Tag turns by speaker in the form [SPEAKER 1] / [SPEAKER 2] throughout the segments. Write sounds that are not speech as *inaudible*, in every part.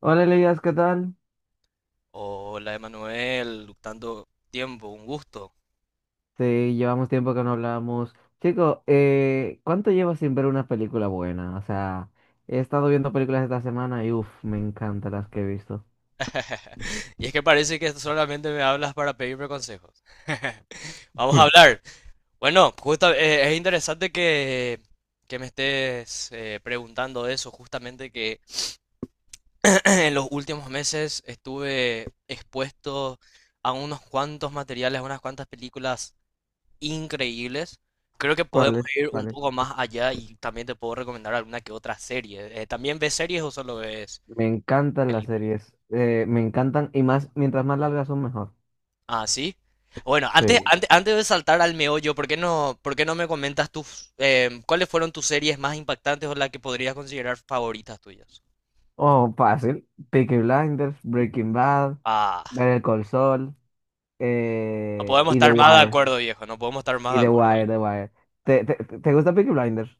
[SPEAKER 1] Hola Elías, ¿qué tal?
[SPEAKER 2] Hola, Emanuel, luctando tiempo, un gusto.
[SPEAKER 1] Sí, llevamos tiempo que no hablamos. Chico, ¿cuánto llevas sin ver una película buena? O sea, he estado viendo películas esta semana y uff, me encantan las que he visto.
[SPEAKER 2] *laughs* Y es que parece que solamente me hablas para pedirme consejos. *laughs* Vamos a
[SPEAKER 1] *laughs*
[SPEAKER 2] hablar. Bueno, es interesante que me estés preguntando eso, justamente que *clears throat* en los últimos meses estuve expuesto a unos cuantos materiales, a unas cuantas películas increíbles. Creo que podemos
[SPEAKER 1] ¿Cuáles?
[SPEAKER 2] ir un
[SPEAKER 1] ¿Cuáles?
[SPEAKER 2] poco más allá y también te puedo recomendar alguna que otra serie. ¿También ves series o solo ves?
[SPEAKER 1] Me encantan las
[SPEAKER 2] Elite.
[SPEAKER 1] series, me encantan y más, mientras más largas son mejor.
[SPEAKER 2] Ah, sí. Bueno, antes,
[SPEAKER 1] Sí.
[SPEAKER 2] antes, antes de saltar al meollo, ¿por qué no me comentas tus, cuáles fueron tus series más impactantes o las que podrías considerar favoritas tuyas?
[SPEAKER 1] Oh, fácil. Peaky Blinders, Breaking Bad,
[SPEAKER 2] Ah,
[SPEAKER 1] Better Call Saul
[SPEAKER 2] no podemos
[SPEAKER 1] y The
[SPEAKER 2] estar más de
[SPEAKER 1] Wire.
[SPEAKER 2] acuerdo, viejo, no podemos estar más
[SPEAKER 1] Y
[SPEAKER 2] de
[SPEAKER 1] The
[SPEAKER 2] acuerdo.
[SPEAKER 1] Wire, The Wire. ¿Te gusta Peaky Blinders?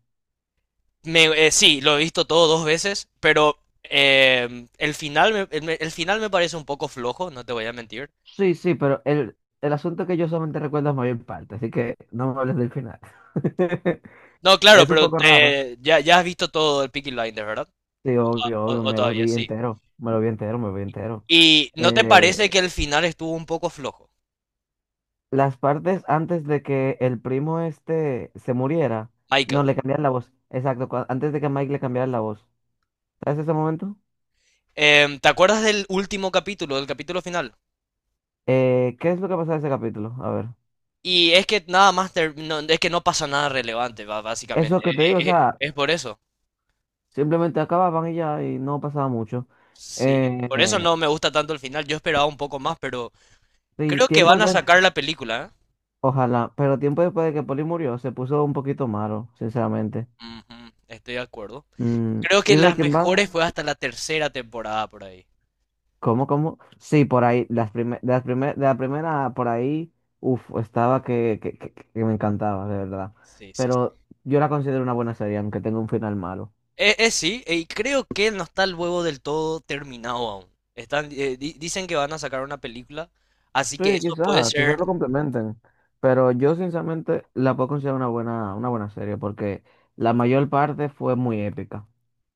[SPEAKER 2] Sí, lo he visto todo dos veces, pero el final me parece un poco flojo, no te voy a mentir.
[SPEAKER 1] Sí, sí, pero el asunto es que yo solamente recuerdo es mayor parte, así que no me hables del final. *laughs*
[SPEAKER 2] No, claro,
[SPEAKER 1] Es un
[SPEAKER 2] pero
[SPEAKER 1] poco raro.
[SPEAKER 2] ya has visto todo el Peaky Blinders, ¿verdad?
[SPEAKER 1] Sí, obvio,
[SPEAKER 2] O,
[SPEAKER 1] obvio,
[SPEAKER 2] o
[SPEAKER 1] me lo
[SPEAKER 2] todavía,
[SPEAKER 1] vi
[SPEAKER 2] sí.
[SPEAKER 1] entero, me lo vi entero, me lo vi entero.
[SPEAKER 2] ¿Y no te, sí,
[SPEAKER 1] Eh,
[SPEAKER 2] parece que el final estuvo un poco flojo,
[SPEAKER 1] las partes antes de que el primo este se muriera, no,
[SPEAKER 2] Michael?
[SPEAKER 1] le cambiaron la voz, exacto, antes de que Mike le cambiara la voz. ¿Sabes ese momento?
[SPEAKER 2] ¿Te acuerdas del último capítulo, del capítulo final?
[SPEAKER 1] ¿Qué es lo que pasa en ese capítulo? A ver.
[SPEAKER 2] Y es que nada más, es que no pasa nada relevante, básicamente.
[SPEAKER 1] Eso que te digo, o
[SPEAKER 2] E- e-
[SPEAKER 1] sea,
[SPEAKER 2] es por eso.
[SPEAKER 1] simplemente acababan y ya, y no pasaba mucho.
[SPEAKER 2] Sí, por eso
[SPEAKER 1] Eh,
[SPEAKER 2] no me gusta tanto el final. Yo esperaba un poco más, pero
[SPEAKER 1] sí,
[SPEAKER 2] creo que van
[SPEAKER 1] tiempos.
[SPEAKER 2] a sacar la película, ¿eh?
[SPEAKER 1] Ojalá, pero tiempo después de que Poli murió, se puso un poquito malo, sinceramente.
[SPEAKER 2] Ujú, estoy de acuerdo.
[SPEAKER 1] Mm,
[SPEAKER 2] Creo
[SPEAKER 1] ¿y
[SPEAKER 2] que las
[SPEAKER 1] Breaking Bad?
[SPEAKER 2] mejores fue hasta la tercera temporada por ahí.
[SPEAKER 1] ¿Cómo, cómo? Sí, por ahí, las prime- de las primer- de la primera, por ahí, uff, estaba que me encantaba, de verdad.
[SPEAKER 2] Sí, sí, sí.
[SPEAKER 1] Pero yo la considero una buena serie, aunque tenga un final malo.
[SPEAKER 2] Sí, y creo que no está el huevo del todo terminado aún. Están, dicen que van a sacar una película, así que
[SPEAKER 1] Sí,
[SPEAKER 2] eso puede
[SPEAKER 1] quizás, quizás
[SPEAKER 2] ser.
[SPEAKER 1] lo complementen, pero yo sinceramente la puedo considerar una buena serie, porque la mayor parte fue muy épica,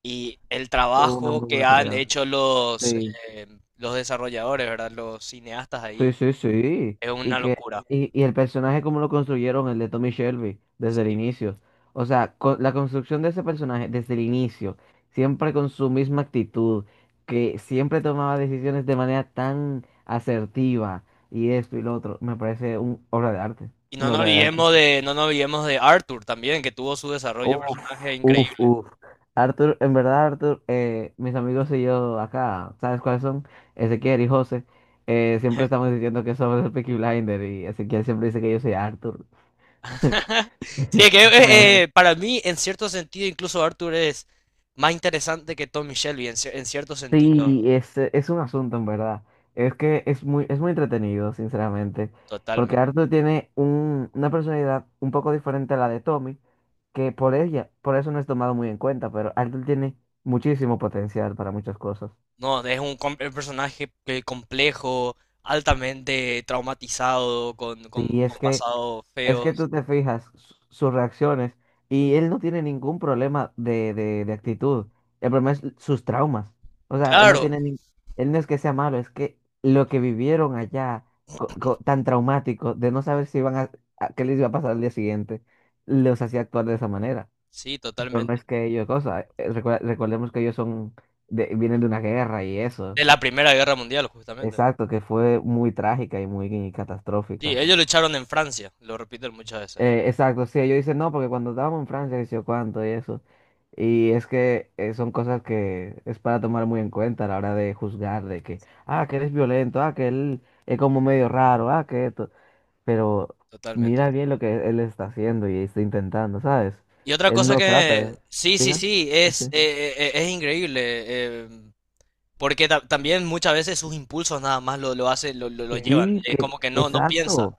[SPEAKER 2] Y el
[SPEAKER 1] tuvo una
[SPEAKER 2] trabajo
[SPEAKER 1] muy
[SPEAKER 2] que
[SPEAKER 1] buena
[SPEAKER 2] han
[SPEAKER 1] calidad.
[SPEAKER 2] hecho
[SPEAKER 1] Sí.
[SPEAKER 2] eh, los desarrolladores, ¿verdad? Los cineastas
[SPEAKER 1] Sí,
[SPEAKER 2] ahí,
[SPEAKER 1] sí, sí.
[SPEAKER 2] es
[SPEAKER 1] Y
[SPEAKER 2] una
[SPEAKER 1] que,
[SPEAKER 2] locura.
[SPEAKER 1] y, y el personaje como lo construyeron, el de Tommy Shelby, desde el
[SPEAKER 2] Sí.
[SPEAKER 1] inicio. O sea, la construcción de ese personaje desde el inicio, siempre con su misma actitud, que siempre tomaba decisiones de manera tan asertiva, y esto y lo otro, me parece una obra de arte.
[SPEAKER 2] Y no
[SPEAKER 1] Una
[SPEAKER 2] nos
[SPEAKER 1] obra de arte.
[SPEAKER 2] olvidemos de, no nos olvidemos de Arthur también, que tuvo su desarrollo de
[SPEAKER 1] Uf,
[SPEAKER 2] personaje
[SPEAKER 1] uf,
[SPEAKER 2] increíble.
[SPEAKER 1] uf. Arthur, en verdad, Arthur, mis amigos y yo acá, ¿sabes cuáles son? Ezequiel y José. Siempre estamos diciendo que somos el Peaky Blinder y Ezequiel siempre dice que yo soy Arthur. *laughs*
[SPEAKER 2] *laughs* Sí, es que
[SPEAKER 1] ¿Sabes?
[SPEAKER 2] para mí, en cierto sentido, incluso Arthur es más interesante que Tommy Shelby, en cierto sentido,
[SPEAKER 1] Sí, es un asunto, en verdad. Es que es muy entretenido, sinceramente. Porque
[SPEAKER 2] totalmente.
[SPEAKER 1] Arthur tiene una personalidad un poco diferente a la de Tommy, que por ella, por eso no es tomado muy en cuenta, pero Arthur tiene muchísimo potencial para muchas cosas.
[SPEAKER 2] No, es un personaje complejo, altamente traumatizado, con, con,
[SPEAKER 1] Sí, es
[SPEAKER 2] con
[SPEAKER 1] que.
[SPEAKER 2] pasados
[SPEAKER 1] Es que
[SPEAKER 2] feos.
[SPEAKER 1] tú te fijas sus reacciones y él no tiene ningún problema de actitud. El problema es sus traumas. O sea,
[SPEAKER 2] Claro,
[SPEAKER 1] él no es que sea malo, es que lo que vivieron allá tan traumático de no saber si iban a, qué les iba a pasar al día siguiente, los hacía actuar de esa manera.
[SPEAKER 2] sí,
[SPEAKER 1] Pero no
[SPEAKER 2] totalmente.
[SPEAKER 1] es que ellos, cosa, recordemos que ellos son vienen de una guerra y eso.
[SPEAKER 2] De la Primera Guerra Mundial, justamente.
[SPEAKER 1] Exacto, que fue muy trágica y muy
[SPEAKER 2] Sí,
[SPEAKER 1] catastrófica.
[SPEAKER 2] ellos lucharon en Francia, lo repiten muchas veces.
[SPEAKER 1] Exacto, sí, ellos dicen no, porque cuando estábamos en Francia, que sé yo cuánto y eso. Y es que son cosas que es para tomar muy en cuenta a la hora de juzgar, de que, ah, que eres violento, ah, que él es como medio raro, ah, que esto. Pero
[SPEAKER 2] Totalmente.
[SPEAKER 1] mira bien lo que él está haciendo y está intentando, ¿sabes?
[SPEAKER 2] Y otra
[SPEAKER 1] Él
[SPEAKER 2] cosa
[SPEAKER 1] no trata de...
[SPEAKER 2] que, sí, sí,
[SPEAKER 1] Diga.
[SPEAKER 2] sí, es,
[SPEAKER 1] Sí,
[SPEAKER 2] eh, eh, eh, es increíble, eh, porque también muchas veces sus impulsos nada más lo hace, lo llevan,
[SPEAKER 1] sí,
[SPEAKER 2] eh,
[SPEAKER 1] que...
[SPEAKER 2] como que no
[SPEAKER 1] Exacto,
[SPEAKER 2] piensa.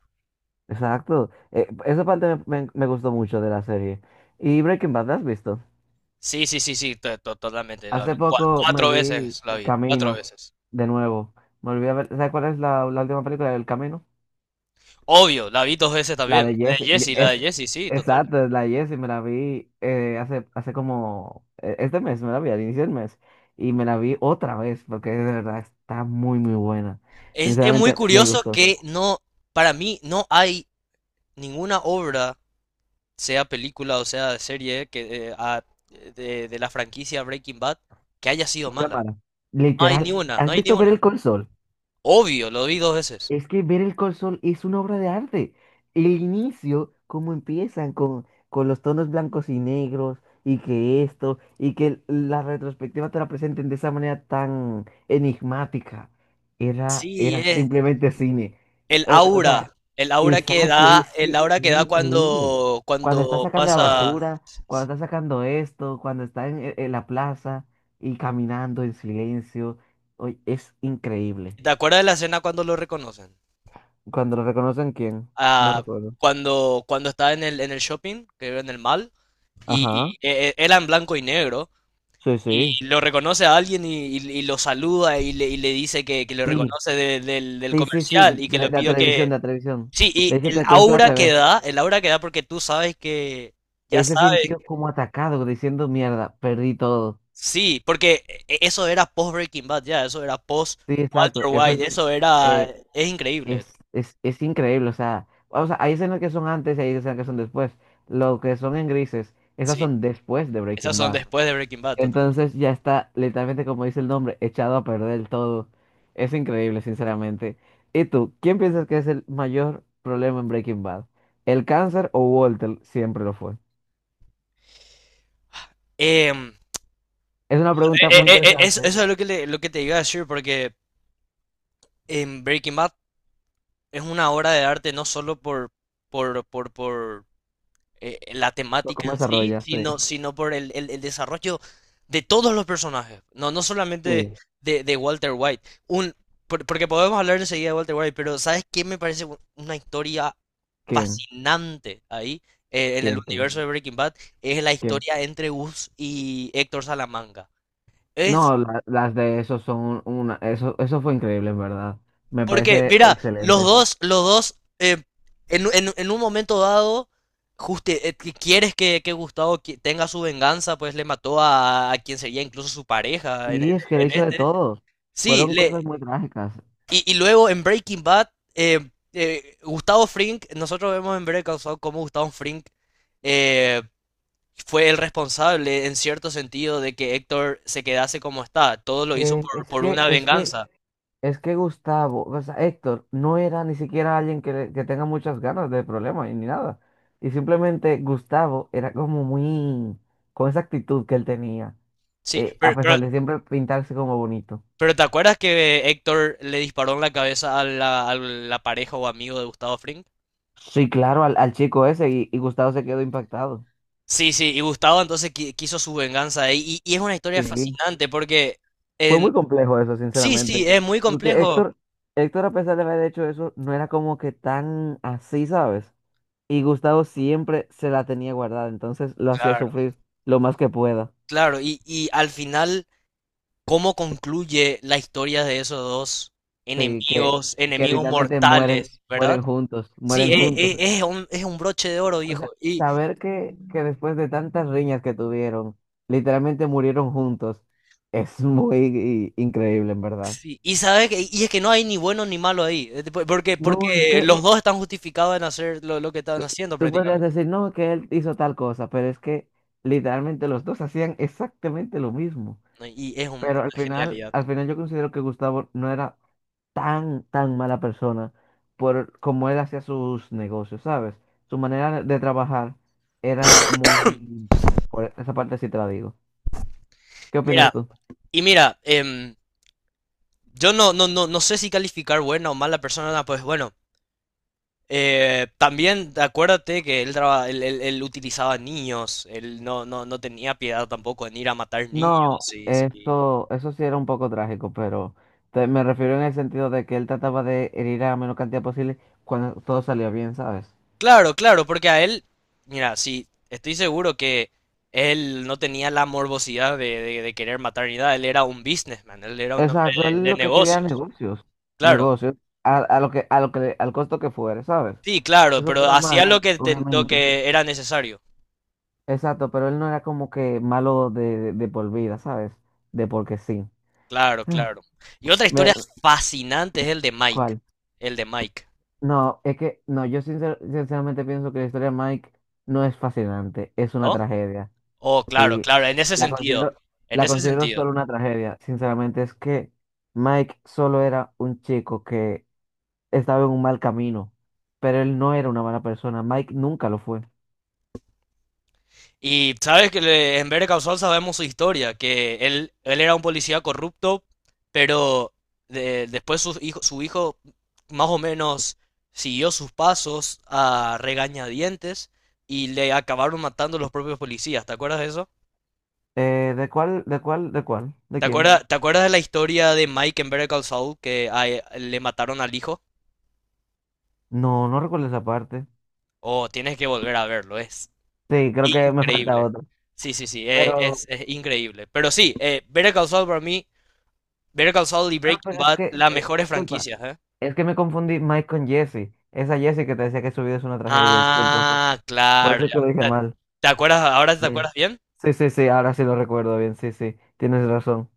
[SPEAKER 1] exacto. Esa parte me gustó mucho de la serie. ¿Y Breaking Bad, la has visto?
[SPEAKER 2] Sí, sí, sí, sí, totalmente, la vi.
[SPEAKER 1] Hace
[SPEAKER 2] Cua-
[SPEAKER 1] poco me
[SPEAKER 2] Cuatro
[SPEAKER 1] vi
[SPEAKER 2] veces la
[SPEAKER 1] El
[SPEAKER 2] vi, cuatro
[SPEAKER 1] Camino
[SPEAKER 2] veces.
[SPEAKER 1] de nuevo. Me olvidé ver, ¿sabes cuál es la última película del Camino?
[SPEAKER 2] Obvio, la vi dos veces
[SPEAKER 1] La
[SPEAKER 2] también.
[SPEAKER 1] de Jesse.
[SPEAKER 2] La de
[SPEAKER 1] Es,
[SPEAKER 2] Jesse, sí, total.
[SPEAKER 1] exacto, es la de Jesse. Me la vi hace como este mes, me la vi al inicio del mes. Y me la vi otra vez porque de verdad está muy, muy buena.
[SPEAKER 2] Es muy
[SPEAKER 1] Sinceramente, me
[SPEAKER 2] curioso
[SPEAKER 1] gustó.
[SPEAKER 2] que no, para mí no hay ninguna obra sea película o sea serie que, de la franquicia Breaking Bad que haya sido mala.
[SPEAKER 1] Semana.
[SPEAKER 2] No hay ni
[SPEAKER 1] Literal,
[SPEAKER 2] una, no
[SPEAKER 1] ¿has
[SPEAKER 2] hay ni
[SPEAKER 1] visto Ver
[SPEAKER 2] una.
[SPEAKER 1] el Sol?
[SPEAKER 2] Obvio, lo vi dos veces.
[SPEAKER 1] Es que ver el col es una obra de arte. El inicio, cómo empiezan con los tonos blancos y negros, y que esto, y que la retrospectiva te la presenten de esa manera tan enigmática. Era,
[SPEAKER 2] Sí,
[SPEAKER 1] era
[SPEAKER 2] es
[SPEAKER 1] simplemente cine. O sea,
[SPEAKER 2] el aura que
[SPEAKER 1] exacto,
[SPEAKER 2] da,
[SPEAKER 1] es
[SPEAKER 2] el
[SPEAKER 1] que
[SPEAKER 2] aura que
[SPEAKER 1] era
[SPEAKER 2] da
[SPEAKER 1] increíble.
[SPEAKER 2] cuando,
[SPEAKER 1] Cuando está
[SPEAKER 2] cuando
[SPEAKER 1] sacando la
[SPEAKER 2] pasa.
[SPEAKER 1] basura, cuando está sacando esto, cuando está en, e, en la plaza y caminando en silencio, oye, es increíble.
[SPEAKER 2] ¿Te acuerdas de la escena cuando lo reconocen?
[SPEAKER 1] Cuando lo reconocen, ¿quién? No
[SPEAKER 2] Ah,
[SPEAKER 1] recuerdo.
[SPEAKER 2] cuando está en el shopping, que en el mall, y
[SPEAKER 1] Ajá.
[SPEAKER 2] era en blanco y negro.
[SPEAKER 1] Sí,
[SPEAKER 2] Y
[SPEAKER 1] sí.
[SPEAKER 2] lo reconoce a alguien y lo saluda y le dice que lo
[SPEAKER 1] Sí,
[SPEAKER 2] reconoce del
[SPEAKER 1] sí, sí, sí.
[SPEAKER 2] comercial y que le
[SPEAKER 1] De la
[SPEAKER 2] pidió
[SPEAKER 1] televisión,
[SPEAKER 2] que.
[SPEAKER 1] de la televisión.
[SPEAKER 2] Sí,
[SPEAKER 1] Le
[SPEAKER 2] y
[SPEAKER 1] dice, te
[SPEAKER 2] el
[SPEAKER 1] reconozco la
[SPEAKER 2] aura que
[SPEAKER 1] TV.
[SPEAKER 2] da, el aura que da porque tú sabes que. Ya
[SPEAKER 1] Él se
[SPEAKER 2] sabes,
[SPEAKER 1] sintió como atacado, diciendo, mierda, perdí todo.
[SPEAKER 2] sí, porque eso era post Breaking Bad, ya, eso era post
[SPEAKER 1] Sí,
[SPEAKER 2] Walter
[SPEAKER 1] exacto. Eso
[SPEAKER 2] White,
[SPEAKER 1] es,
[SPEAKER 2] eso era.
[SPEAKER 1] eh,
[SPEAKER 2] Es increíble,
[SPEAKER 1] es increíble. O sea, hay escenas que son antes y hay escenas que son después. Lo que son en grises, esas
[SPEAKER 2] sí.
[SPEAKER 1] son después de
[SPEAKER 2] Esas
[SPEAKER 1] Breaking
[SPEAKER 2] son
[SPEAKER 1] Bad.
[SPEAKER 2] después de Breaking Bad, totalmente.
[SPEAKER 1] Entonces ya está, literalmente como dice el nombre, echado a perder todo. Es increíble, sinceramente. ¿Y tú, quién piensas que es el mayor problema en Breaking Bad? ¿El cáncer o Walter? Siempre lo fue.
[SPEAKER 2] Em,
[SPEAKER 1] Es una pregunta
[SPEAKER 2] eh,
[SPEAKER 1] muy
[SPEAKER 2] eh, eh, eso,
[SPEAKER 1] interesante.
[SPEAKER 2] eso es lo que te iba a decir, porque en Breaking Bad es una obra de arte no solo por, la
[SPEAKER 1] Lo
[SPEAKER 2] temática
[SPEAKER 1] ¿Cómo
[SPEAKER 2] en sí,
[SPEAKER 1] desarrollas? Sí.
[SPEAKER 2] sino por el desarrollo de todos los personajes. No, no solamente
[SPEAKER 1] Sí.
[SPEAKER 2] de Walter White. Porque podemos hablar enseguida de Walter White, pero ¿sabes qué me parece una historia
[SPEAKER 1] ¿Quién?
[SPEAKER 2] fascinante ahí? En el
[SPEAKER 1] ¿Quién? ¿Quién?
[SPEAKER 2] universo de Breaking Bad es la
[SPEAKER 1] ¿Quién?
[SPEAKER 2] historia entre Gus y Héctor Salamanca. Es.
[SPEAKER 1] No, las de esos son una... Eso fue increíble, en verdad. Me
[SPEAKER 2] Porque,
[SPEAKER 1] parece
[SPEAKER 2] mira, los
[SPEAKER 1] excelente.
[SPEAKER 2] dos, los dos, en un momento dado, justo, quieres que Gustavo tenga su venganza, pues le mató a quien sería incluso su pareja en, en-
[SPEAKER 1] Y es que le
[SPEAKER 2] en
[SPEAKER 1] hizo de
[SPEAKER 2] este.
[SPEAKER 1] todos.
[SPEAKER 2] Sí,
[SPEAKER 1] Fueron cosas
[SPEAKER 2] le.
[SPEAKER 1] muy trágicas.
[SPEAKER 2] Y luego en Breaking Bad, eh, Gustavo Fring, nosotros vemos en Breaking Bad cómo Gustavo Fring eh, fue el responsable, en cierto sentido, de que Héctor se quedase como está. Todo lo hizo
[SPEAKER 1] Que
[SPEAKER 2] por,
[SPEAKER 1] es
[SPEAKER 2] por
[SPEAKER 1] que,
[SPEAKER 2] una
[SPEAKER 1] es que
[SPEAKER 2] venganza.
[SPEAKER 1] Es que Gustavo, o sea, Héctor, no era ni siquiera alguien que, que tenga muchas ganas de problemas y ni nada. Y simplemente Gustavo era como muy, con esa actitud que él tenía,
[SPEAKER 2] Sí,
[SPEAKER 1] a
[SPEAKER 2] pero.
[SPEAKER 1] pesar de siempre pintarse como bonito.
[SPEAKER 2] Pero ¿te acuerdas que Héctor le disparó en la cabeza a la pareja o amigo de Gustavo Fring?
[SPEAKER 1] Sí, claro, al chico ese y Gustavo se quedó impactado.
[SPEAKER 2] Sí, sí, y Gustavo entonces quiso su venganza ahí. Y es una historia
[SPEAKER 1] Sí,
[SPEAKER 2] fascinante porque
[SPEAKER 1] fue
[SPEAKER 2] en.
[SPEAKER 1] muy complejo eso,
[SPEAKER 2] Sí, sí,
[SPEAKER 1] sinceramente.
[SPEAKER 2] es muy
[SPEAKER 1] Porque
[SPEAKER 2] complejo.
[SPEAKER 1] Héctor, Héctor, a pesar de haber hecho eso, no era como que tan así, ¿sabes? Y Gustavo siempre se la tenía guardada, entonces lo hacía
[SPEAKER 2] Claro,
[SPEAKER 1] sufrir lo más que pueda.
[SPEAKER 2] claro. Y al final, ¿cómo concluye la historia de esos dos
[SPEAKER 1] Sí,
[SPEAKER 2] enemigos,
[SPEAKER 1] que
[SPEAKER 2] enemigos
[SPEAKER 1] literalmente mueren,
[SPEAKER 2] mortales,
[SPEAKER 1] mueren
[SPEAKER 2] verdad?
[SPEAKER 1] juntos,
[SPEAKER 2] Sí,
[SPEAKER 1] mueren
[SPEAKER 2] e-
[SPEAKER 1] juntos.
[SPEAKER 2] e- es, un, es un broche de oro,
[SPEAKER 1] O
[SPEAKER 2] viejo.
[SPEAKER 1] sea, saber que después de tantas riñas que tuvieron, literalmente murieron juntos, es muy increíble, en verdad.
[SPEAKER 2] Sí, y sabes que, y es que no hay ni bueno ni malo ahí, eh, po- porque,
[SPEAKER 1] No, es
[SPEAKER 2] porque
[SPEAKER 1] que
[SPEAKER 2] los dos están justificados en hacer lo que están
[SPEAKER 1] tú,
[SPEAKER 2] haciendo
[SPEAKER 1] tú podrías
[SPEAKER 2] prácticamente,
[SPEAKER 1] decir, no, que él hizo tal cosa, pero es que literalmente los dos hacían exactamente lo mismo.
[SPEAKER 2] ¿no? Y es un-
[SPEAKER 1] Pero
[SPEAKER 2] una genialidad.
[SPEAKER 1] al final yo considero que Gustavo no era tan, tan mala persona por cómo él hacía sus negocios, ¿sabes? Su manera de trabajar era muy... limpia. Por esa parte sí te la digo. ¿Qué opinas
[SPEAKER 2] Mira,
[SPEAKER 1] tú?
[SPEAKER 2] mira, yo no sé si calificar buena o mala persona, no, pues bueno, también acuérdate que él utilizaba niños, él no tenía piedad tampoco en ir a matar niños,
[SPEAKER 1] No,
[SPEAKER 2] sí, sí.
[SPEAKER 1] esto, eso sí era un poco trágico, pero me refiero en el sentido de que él trataba de herir a menor cantidad posible cuando todo salía bien, ¿sabes?
[SPEAKER 2] Claro, claro, porque a él, mira, sí, estoy seguro que él no tenía la morbosidad de querer matar ni nada, él era un businessman, él era un hombre
[SPEAKER 1] Exacto,
[SPEAKER 2] de,
[SPEAKER 1] él
[SPEAKER 2] de
[SPEAKER 1] lo que quería era
[SPEAKER 2] negocios,
[SPEAKER 1] negocios,
[SPEAKER 2] claro,
[SPEAKER 1] negocios, a lo que, al costo que fuere, ¿sabes?
[SPEAKER 2] sí, claro,
[SPEAKER 1] Eso
[SPEAKER 2] pero
[SPEAKER 1] está
[SPEAKER 2] hacía
[SPEAKER 1] mal,
[SPEAKER 2] lo que, ten- lo
[SPEAKER 1] obviamente.
[SPEAKER 2] que era necesario,
[SPEAKER 1] Exacto, pero él no era como que malo de por vida, ¿sabes? De porque sí.
[SPEAKER 2] claro,
[SPEAKER 1] Ah,
[SPEAKER 2] claro. Y otra
[SPEAKER 1] Me,
[SPEAKER 2] historia fascinante es
[SPEAKER 1] ¿cuál?
[SPEAKER 2] el de Mike,
[SPEAKER 1] No, es que, no, yo sinceramente pienso que la historia de Mike no es fascinante, es una
[SPEAKER 2] ¿no?
[SPEAKER 1] tragedia.
[SPEAKER 2] Oh, claro,
[SPEAKER 1] Sí,
[SPEAKER 2] claro, en ese
[SPEAKER 1] la
[SPEAKER 2] sentido,
[SPEAKER 1] considero,
[SPEAKER 2] en
[SPEAKER 1] la
[SPEAKER 2] ese
[SPEAKER 1] considero
[SPEAKER 2] sentido.
[SPEAKER 1] solo una tragedia. Sinceramente, es que Mike solo era un chico que estaba en un mal camino, pero él no era una mala persona. Mike nunca lo fue.
[SPEAKER 2] Y sabes que en Better Call Saul sabemos su historia, que él era un policía corrupto, pero después su hijo más o menos siguió sus pasos a regañadientes y le acabaron matando los propios policías. ¿Te acuerdas de eso?
[SPEAKER 1] ¿De cuál, de cuál, de cuál? ¿De
[SPEAKER 2] ¿Te
[SPEAKER 1] quién?
[SPEAKER 2] acuerdas, te acuerdas de la historia de Mike en Better Call Saul que le mataron al hijo?
[SPEAKER 1] No, no recuerdo esa parte.
[SPEAKER 2] Oh, tienes que volver a verlo, es
[SPEAKER 1] Sí, creo que me falta
[SPEAKER 2] increíble.
[SPEAKER 1] otra.
[SPEAKER 2] Sí, sí, sí,
[SPEAKER 1] Pero,
[SPEAKER 2] es increíble. Pero sí, Better Call Saul y Breaking
[SPEAKER 1] pero es
[SPEAKER 2] Bad,
[SPEAKER 1] que,
[SPEAKER 2] las mejores
[SPEAKER 1] disculpa,
[SPEAKER 2] franquicias, ¿eh?
[SPEAKER 1] es que me confundí Mike con Jesse. Esa Jesse que te decía que su vida es una tragedia, disculpa.
[SPEAKER 2] Ah,
[SPEAKER 1] Por
[SPEAKER 2] claro.
[SPEAKER 1] eso es que lo dije
[SPEAKER 2] Ya.
[SPEAKER 1] mal.
[SPEAKER 2] ¿Te acuerdas? ¿Ahora te
[SPEAKER 1] Eh,
[SPEAKER 2] acuerdas bien?
[SPEAKER 1] Sí, sí, sí, ahora sí lo recuerdo bien, sí, sí, tienes razón.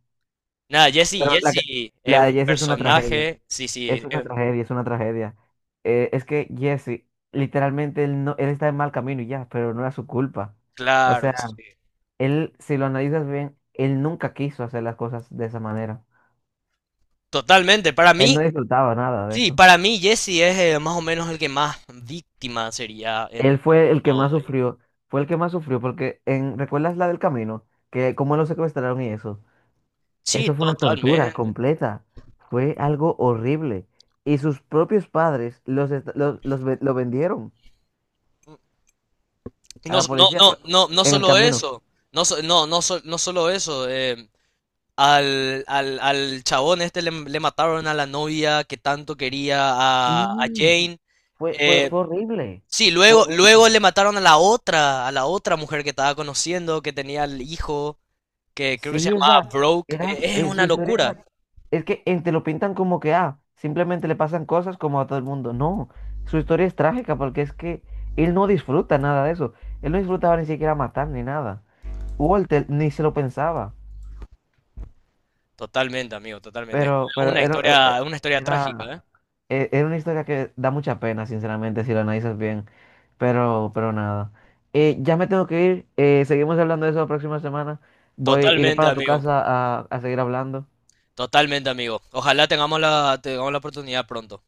[SPEAKER 2] Nada, Jesse,
[SPEAKER 1] Pero la, que-
[SPEAKER 2] Jesse es
[SPEAKER 1] la de
[SPEAKER 2] un
[SPEAKER 1] Jesse es una tragedia,
[SPEAKER 2] personaje. Sí, sí,
[SPEAKER 1] es una tragedia, es una tragedia. Es que Jesse, literalmente, no, él está en mal camino y ya, pero no era su culpa. O
[SPEAKER 2] claro,
[SPEAKER 1] sea,
[SPEAKER 2] sí.
[SPEAKER 1] él, si lo analizas bien, él nunca quiso hacer las cosas de esa manera.
[SPEAKER 2] Totalmente. Para
[SPEAKER 1] Él
[SPEAKER 2] mí,
[SPEAKER 1] no disfrutaba nada de
[SPEAKER 2] sí,
[SPEAKER 1] eso.
[SPEAKER 2] para mí Jesse es más o menos el que más víctima sería en
[SPEAKER 1] Él fue el que
[SPEAKER 2] todo.
[SPEAKER 1] más
[SPEAKER 2] Ahí.
[SPEAKER 1] sufrió, fue el que más sufrió porque en, ¿recuerdas la del camino? Que cómo lo secuestraron y eso.
[SPEAKER 2] Sí,
[SPEAKER 1] Eso fue una tortura
[SPEAKER 2] totalmente.
[SPEAKER 1] completa. Fue algo horrible. Y sus propios padres los, est- los ve- lo vendieron a
[SPEAKER 2] No,
[SPEAKER 1] la
[SPEAKER 2] no,
[SPEAKER 1] policía
[SPEAKER 2] no, no, no
[SPEAKER 1] en el
[SPEAKER 2] solo
[SPEAKER 1] camino.
[SPEAKER 2] eso, no solo eso, Al chabón este le mataron a la novia que tanto quería a
[SPEAKER 1] Sí,
[SPEAKER 2] Jane.
[SPEAKER 1] fue
[SPEAKER 2] Eh,
[SPEAKER 1] horrible.
[SPEAKER 2] sí,
[SPEAKER 1] Fue
[SPEAKER 2] luego
[SPEAKER 1] horrible.
[SPEAKER 2] le mataron a la otra mujer que estaba conociendo, que tenía el hijo, que creo que se
[SPEAKER 1] Sí, o sea,
[SPEAKER 2] llamaba Broke.
[SPEAKER 1] era,
[SPEAKER 2] Es
[SPEAKER 1] su
[SPEAKER 2] una
[SPEAKER 1] historia.
[SPEAKER 2] locura.
[SPEAKER 1] Es que te lo pintan como que, ah, simplemente le pasan cosas como a todo el mundo. No, su historia es trágica porque es que él no disfruta nada de eso. Él no disfrutaba ni siquiera matar ni nada. Walter ni se lo pensaba.
[SPEAKER 2] Totalmente, amigo, totalmente. Es
[SPEAKER 1] Pero, pero era, era,
[SPEAKER 2] una historia
[SPEAKER 1] era-
[SPEAKER 2] trágica, ¿eh?
[SPEAKER 1] era una historia que da mucha pena, sinceramente, si la analizas bien. Pero nada. Ya me tengo que ir. Seguimos hablando de eso la próxima semana. Voy, iré
[SPEAKER 2] Totalmente,
[SPEAKER 1] para tu
[SPEAKER 2] amigo.
[SPEAKER 1] casa a seguir hablando.
[SPEAKER 2] Totalmente, amigo. Ojalá tengamos tengamos la oportunidad pronto.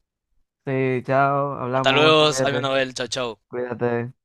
[SPEAKER 1] Sí, chao,
[SPEAKER 2] Hasta
[SPEAKER 1] hablamos,
[SPEAKER 2] luego, amigo
[SPEAKER 1] cuídate,
[SPEAKER 2] Abel. Chao, chao.
[SPEAKER 1] cuídate.